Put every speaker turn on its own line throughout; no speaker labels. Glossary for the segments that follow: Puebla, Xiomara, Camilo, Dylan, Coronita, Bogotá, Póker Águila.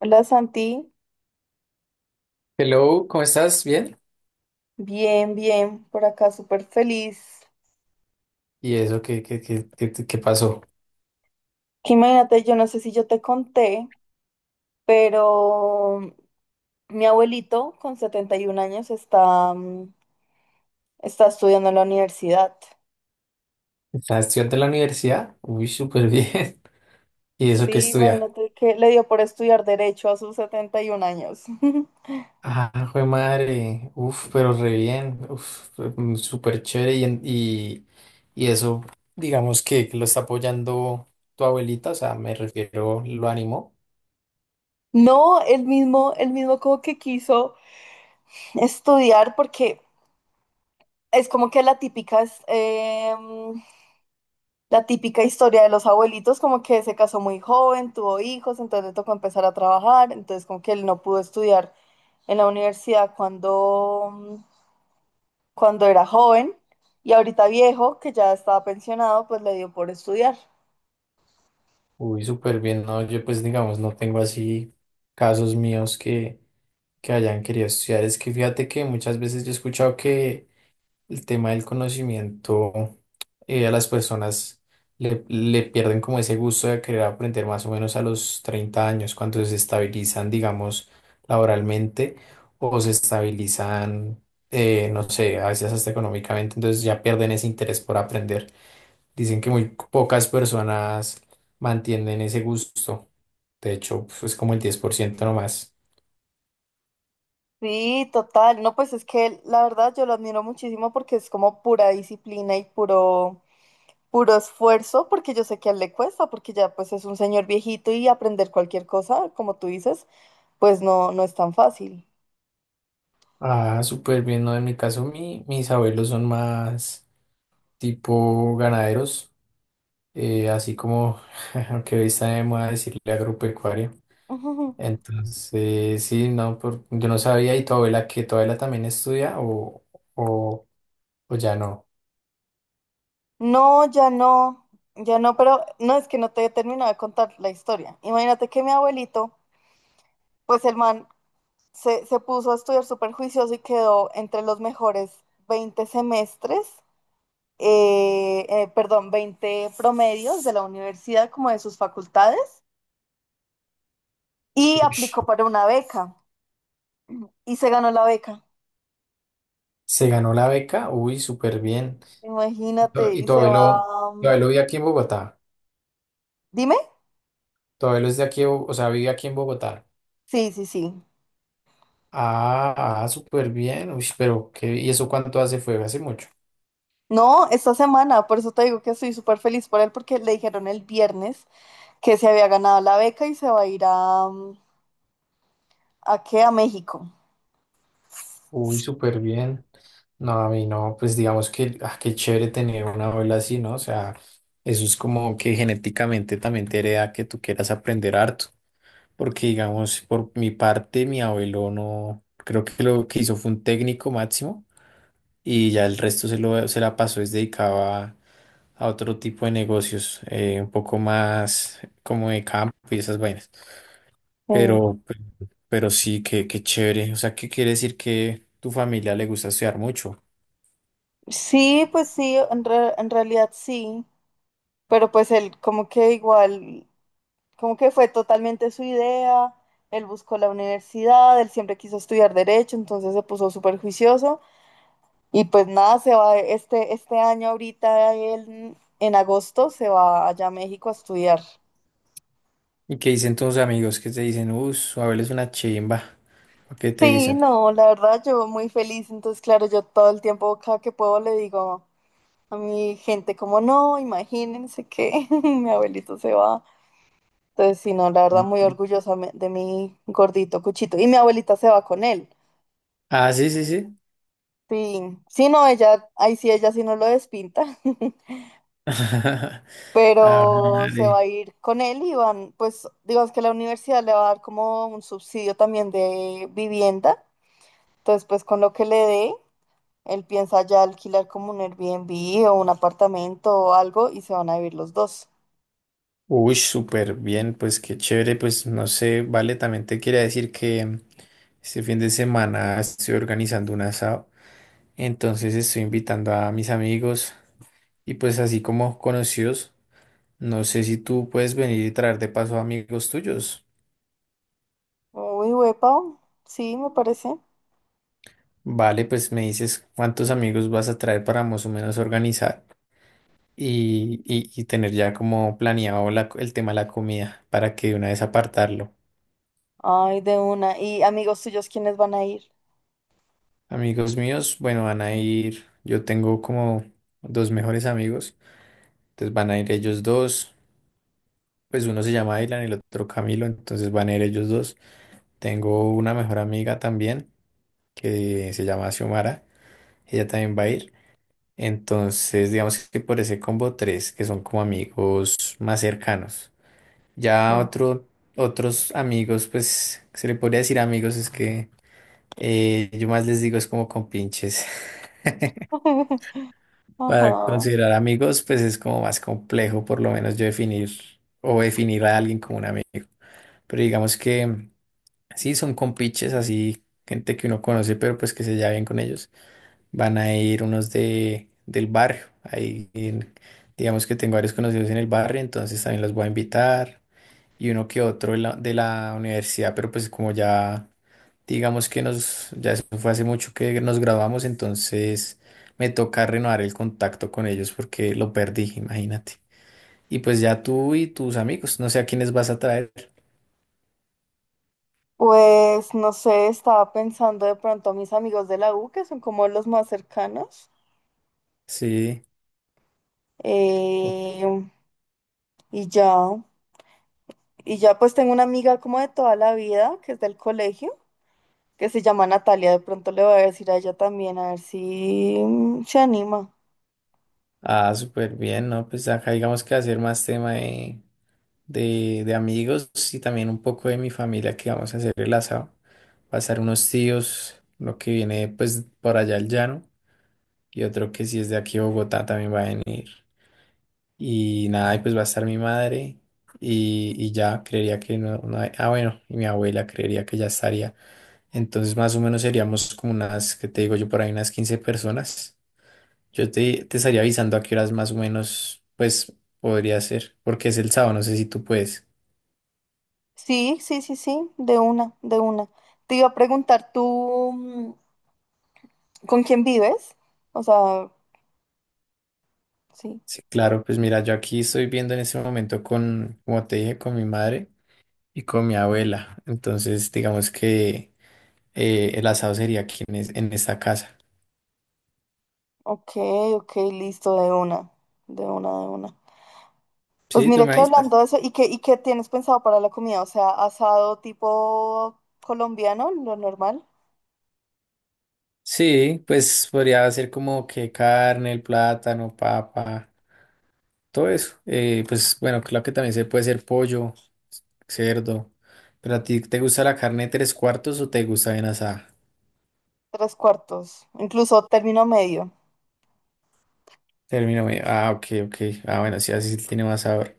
Hola Santi,
Hello, ¿cómo estás? ¿Bien?
bien, bien, por acá súper feliz.
¿Y eso qué pasó?
Que imagínate, yo no sé si yo te conté, pero mi abuelito con 71 años está, está estudiando en la universidad.
¿Estás estudiante en la universidad? Uy, súper bien. ¿Y eso qué
Sí,
estudia?
imagínate que le dio por estudiar derecho a sus 71 años.
Ah, jue madre. Uf, pero re bien. Uf, súper chévere. Y eso, digamos que lo está apoyando tu abuelita, o sea, me refiero, lo animó.
No, el mismo como que quiso estudiar porque es como que la típica historia de los abuelitos, como que se casó muy joven, tuvo hijos, entonces le tocó empezar a trabajar, entonces como que él no pudo estudiar en la universidad cuando era joven y ahorita viejo, que ya estaba pensionado, pues le dio por estudiar.
Uy, súper bien. No, yo pues digamos, no tengo así casos míos que hayan querido estudiar. Es que fíjate que muchas veces yo he escuchado que el tema del conocimiento. A las personas le pierden como ese gusto de querer aprender más o menos a los 30 años, cuando se estabilizan, digamos, laboralmente o se estabilizan, no sé, a veces hasta económicamente, entonces ya pierden ese interés por aprender. Dicen que muy pocas personas mantienen ese gusto. De hecho, pues es como el 10% nomás.
Sí, total. No, pues es que la verdad yo lo admiro muchísimo porque es como pura disciplina y puro esfuerzo, porque yo sé que a él le cuesta, porque ya pues es un señor viejito y aprender cualquier cosa, como tú dices, pues no, no es tan fácil.
Ah, súper bien, ¿no? En mi caso, mis abuelos son más tipo ganaderos. Así como que hoy está de moda decirle agropecuaria. Entonces, sí, no, yo no sabía, ¿y tu abuela que tu abuela también estudia o, o ya no?
No, ya no, ya no, pero no es que no te he terminado de contar la historia. Imagínate que mi abuelito, pues el man se puso a estudiar súper juicioso y quedó entre los mejores 20 semestres, perdón, 20 promedios de la universidad, como de sus facultades, y
Ush,
aplicó para una beca y se ganó la beca.
¿se ganó la beca? Uy, súper bien. ¿Y tu,
Imagínate,
y
y
tu
se va.
abuelo, tu abuelo vive aquí en Bogotá?
Dime.
¿Tu abuelo es de aquí, de o sea, vive aquí en Bogotá?
Sí, sí, sí.
Ah, ah, súper bien. Uy, pero qué, ¿y eso cuánto hace? ¿Fue hace mucho?
No, esta semana, por eso te digo que estoy súper feliz por él, porque le dijeron el viernes que se había ganado la beca y se va a ir a, ¿a qué? A México.
Uy, súper bien. No, a mí no, pues digamos que, ah, qué chévere tener una abuela así, ¿no? O sea, eso es como que genéticamente también te hereda que tú quieras aprender harto, porque digamos, por mi parte, mi abuelo no, creo que lo que hizo fue un técnico máximo y ya el resto se lo, se la pasó, es dedicado a otro tipo de negocios, un poco más como de campo y esas vainas.
Sí.
Pero, pe- pero sí, qué chévere. O sea, ¿qué quiere decir que tu familia le gusta estudiar mucho?
Sí, pues sí, en realidad sí, pero pues él como que igual, como que fue totalmente su idea, él buscó la universidad, él siempre quiso estudiar derecho, entonces se puso súper juicioso y pues nada, se va este año ahorita, él en agosto se va allá a México a estudiar.
¿Y qué dicen tus amigos que te dicen, su Abel es una chimba? ¿O qué te
Sí,
dicen?
no, la verdad yo muy feliz, entonces claro, yo todo el tiempo cada que puedo le digo a mi gente como no, imagínense que mi abuelito se va. Entonces, sí, no, la verdad
Mm.
muy orgullosa de mi gordito Cuchito. Y mi abuelita se va con él.
Ah, sí, sí, sí.
Sí, sí, no, ella, ahí sí, ella sí no lo despinta,
Ah,
pero se va a
vale.
ir con él y van, pues, digamos que la universidad le va a dar como un subsidio también de vivienda. Entonces, pues con lo que le dé, él piensa ya alquilar como un Airbnb o un apartamento o algo y se van a vivir los dos.
Uy, súper bien, pues qué chévere, pues no sé, vale, también te quería decir que este fin de semana estoy organizando un asado, entonces estoy invitando a mis amigos y pues así como conocidos. No sé si tú puedes venir y traer de paso amigos tuyos.
Uy, huepa, sí, me parece.
Vale, pues me dices cuántos amigos vas a traer para más o menos organizar y tener ya como planeado la el tema de la comida para que de una vez apartarlo.
Ay, de una. ¿Y amigos tuyos quiénes van a ir?
Amigos míos, bueno, van a ir, yo tengo como dos mejores amigos, entonces van a ir ellos dos, pues uno se llama Dylan y el otro Camilo, entonces van a ir ellos dos. Tengo una mejor amiga también que se llama Xiomara, ella también va a ir. Entonces, digamos que por ese combo tres, que son como amigos más cercanos. Ya
No.
otros amigos, pues, se le podría decir amigos, es que yo más les digo es como compinches. Para
Ajá.
considerar amigos, pues es como más complejo, por lo menos yo definir o definir a alguien como un amigo. Pero digamos que sí, son compinches, así, gente que uno conoce, pero pues que se lleva bien con ellos. Van a ir unos del barrio. Ahí, digamos que tengo varios conocidos en el barrio, entonces también los voy a invitar. Y uno que otro de la universidad, pero pues como ya, digamos que nos, ya eso fue hace mucho que nos graduamos, entonces me toca renovar el contacto con ellos porque lo perdí, imagínate. Y pues ya tú y tus amigos, no sé a quiénes vas a traer.
Pues no sé, estaba pensando de pronto a mis amigos de la U, que son como los más cercanos.
Sí. Ok.
Eh, y ya, y ya pues tengo una amiga como de toda la vida, que es del colegio, que se llama Natalia. De pronto le voy a decir a ella también, a ver si se anima.
Ah, súper bien, ¿no? Pues acá digamos que va a ser más tema de de amigos y también un poco de mi familia que vamos a hacer el asado. Va a estar unos tíos, uno que viene pues por allá al llano y otro que si es de aquí a Bogotá también va a venir. Y nada, y pues va a estar mi madre y ya creería que no, ah bueno, y mi abuela creería que ya estaría. Entonces más o menos seríamos como unas, que te digo yo, por ahí unas 15 personas. Yo te estaría avisando a qué horas más o menos pues podría ser, porque es el sábado, no sé si tú puedes.
Sí, sí, sí, sí, de una, de una. Te iba a preguntar tú. ¿Con quién vives? O sea, sí.
Sí, claro, pues mira, yo aquí estoy viendo en este momento con, como te dije, con mi madre y con mi abuela. Entonces, digamos que el asado sería aquí en esta casa.
Ok, ok, listo, de una, de una, de una. Pues
Sí, tú
mira
me
que hablando
avisas.
de eso, y qué tienes pensado para la comida? O sea, asado tipo colombiano, lo normal,
Sí, pues podría ser como que carne, el plátano, papa, todo eso. Pues bueno, claro que también se puede ser pollo, cerdo. Pero a ti, ¿te gusta la carne tres cuartos o te gusta bien asada?
tres cuartos, incluso término medio.
Término medio. Ah, ok, ok. Ah, bueno, sí, así tiene más sabor.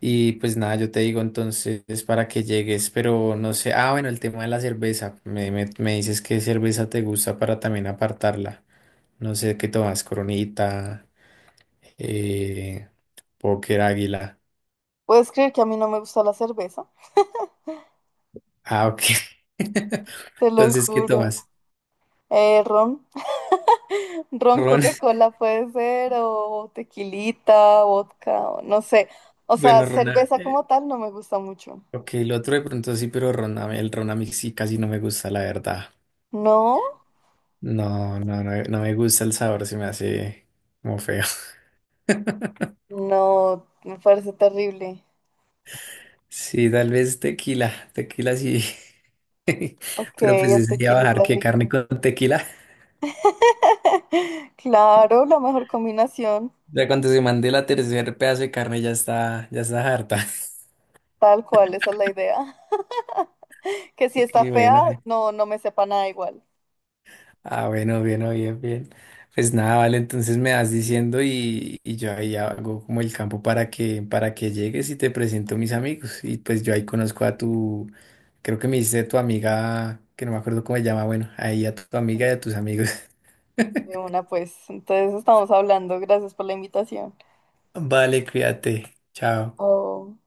Y pues nada, yo te digo entonces para que llegues, pero no sé, ah, bueno, el tema de la cerveza, me dices qué cerveza te gusta para también apartarla. No sé qué tomas, Coronita, eh, Póker Águila.
¿Puedes creer que a mí no me gusta la cerveza?
Ah, ok.
Te lo
Entonces, ¿qué
juro.
tomas?
Ron, ron
Ron,
Coca-Cola puede ser, o tequilita, vodka, o no sé. O sea,
bueno, Rona,
cerveza como tal no me gusta mucho.
ok, el otro de pronto sí, pero Rona, el Rona a mí sí casi no me gusta, la verdad.
¿No?
No, no, no, no me gusta el sabor, se me hace como feo.
No, me parece terrible.
Sí, tal vez tequila, tequila sí.
Ok,
Pero pues
el
ese día bajar
tequilita
que carne
rico.
con tequila.
Claro, la mejor combinación,
Ya cuando se mande la tercer pedazo de carne ya está harta.
tal cual, esa es la idea. Que si está
Qué
fea,
bueno.
no, no me sepa nada igual.
Ah, bueno, bien, oh, bien, bien. Pues nada, vale, entonces me vas diciendo y yo ahí hago como el campo para que llegues y te presento a mis amigos. Y pues yo ahí conozco a tu, creo que me dice tu amiga, que no me acuerdo cómo se llama, bueno, ahí a tu amiga y a tus amigos.
De una, pues. Entonces estamos hablando. Gracias por la invitación.
Vale, cuídate. Chao.
Oh.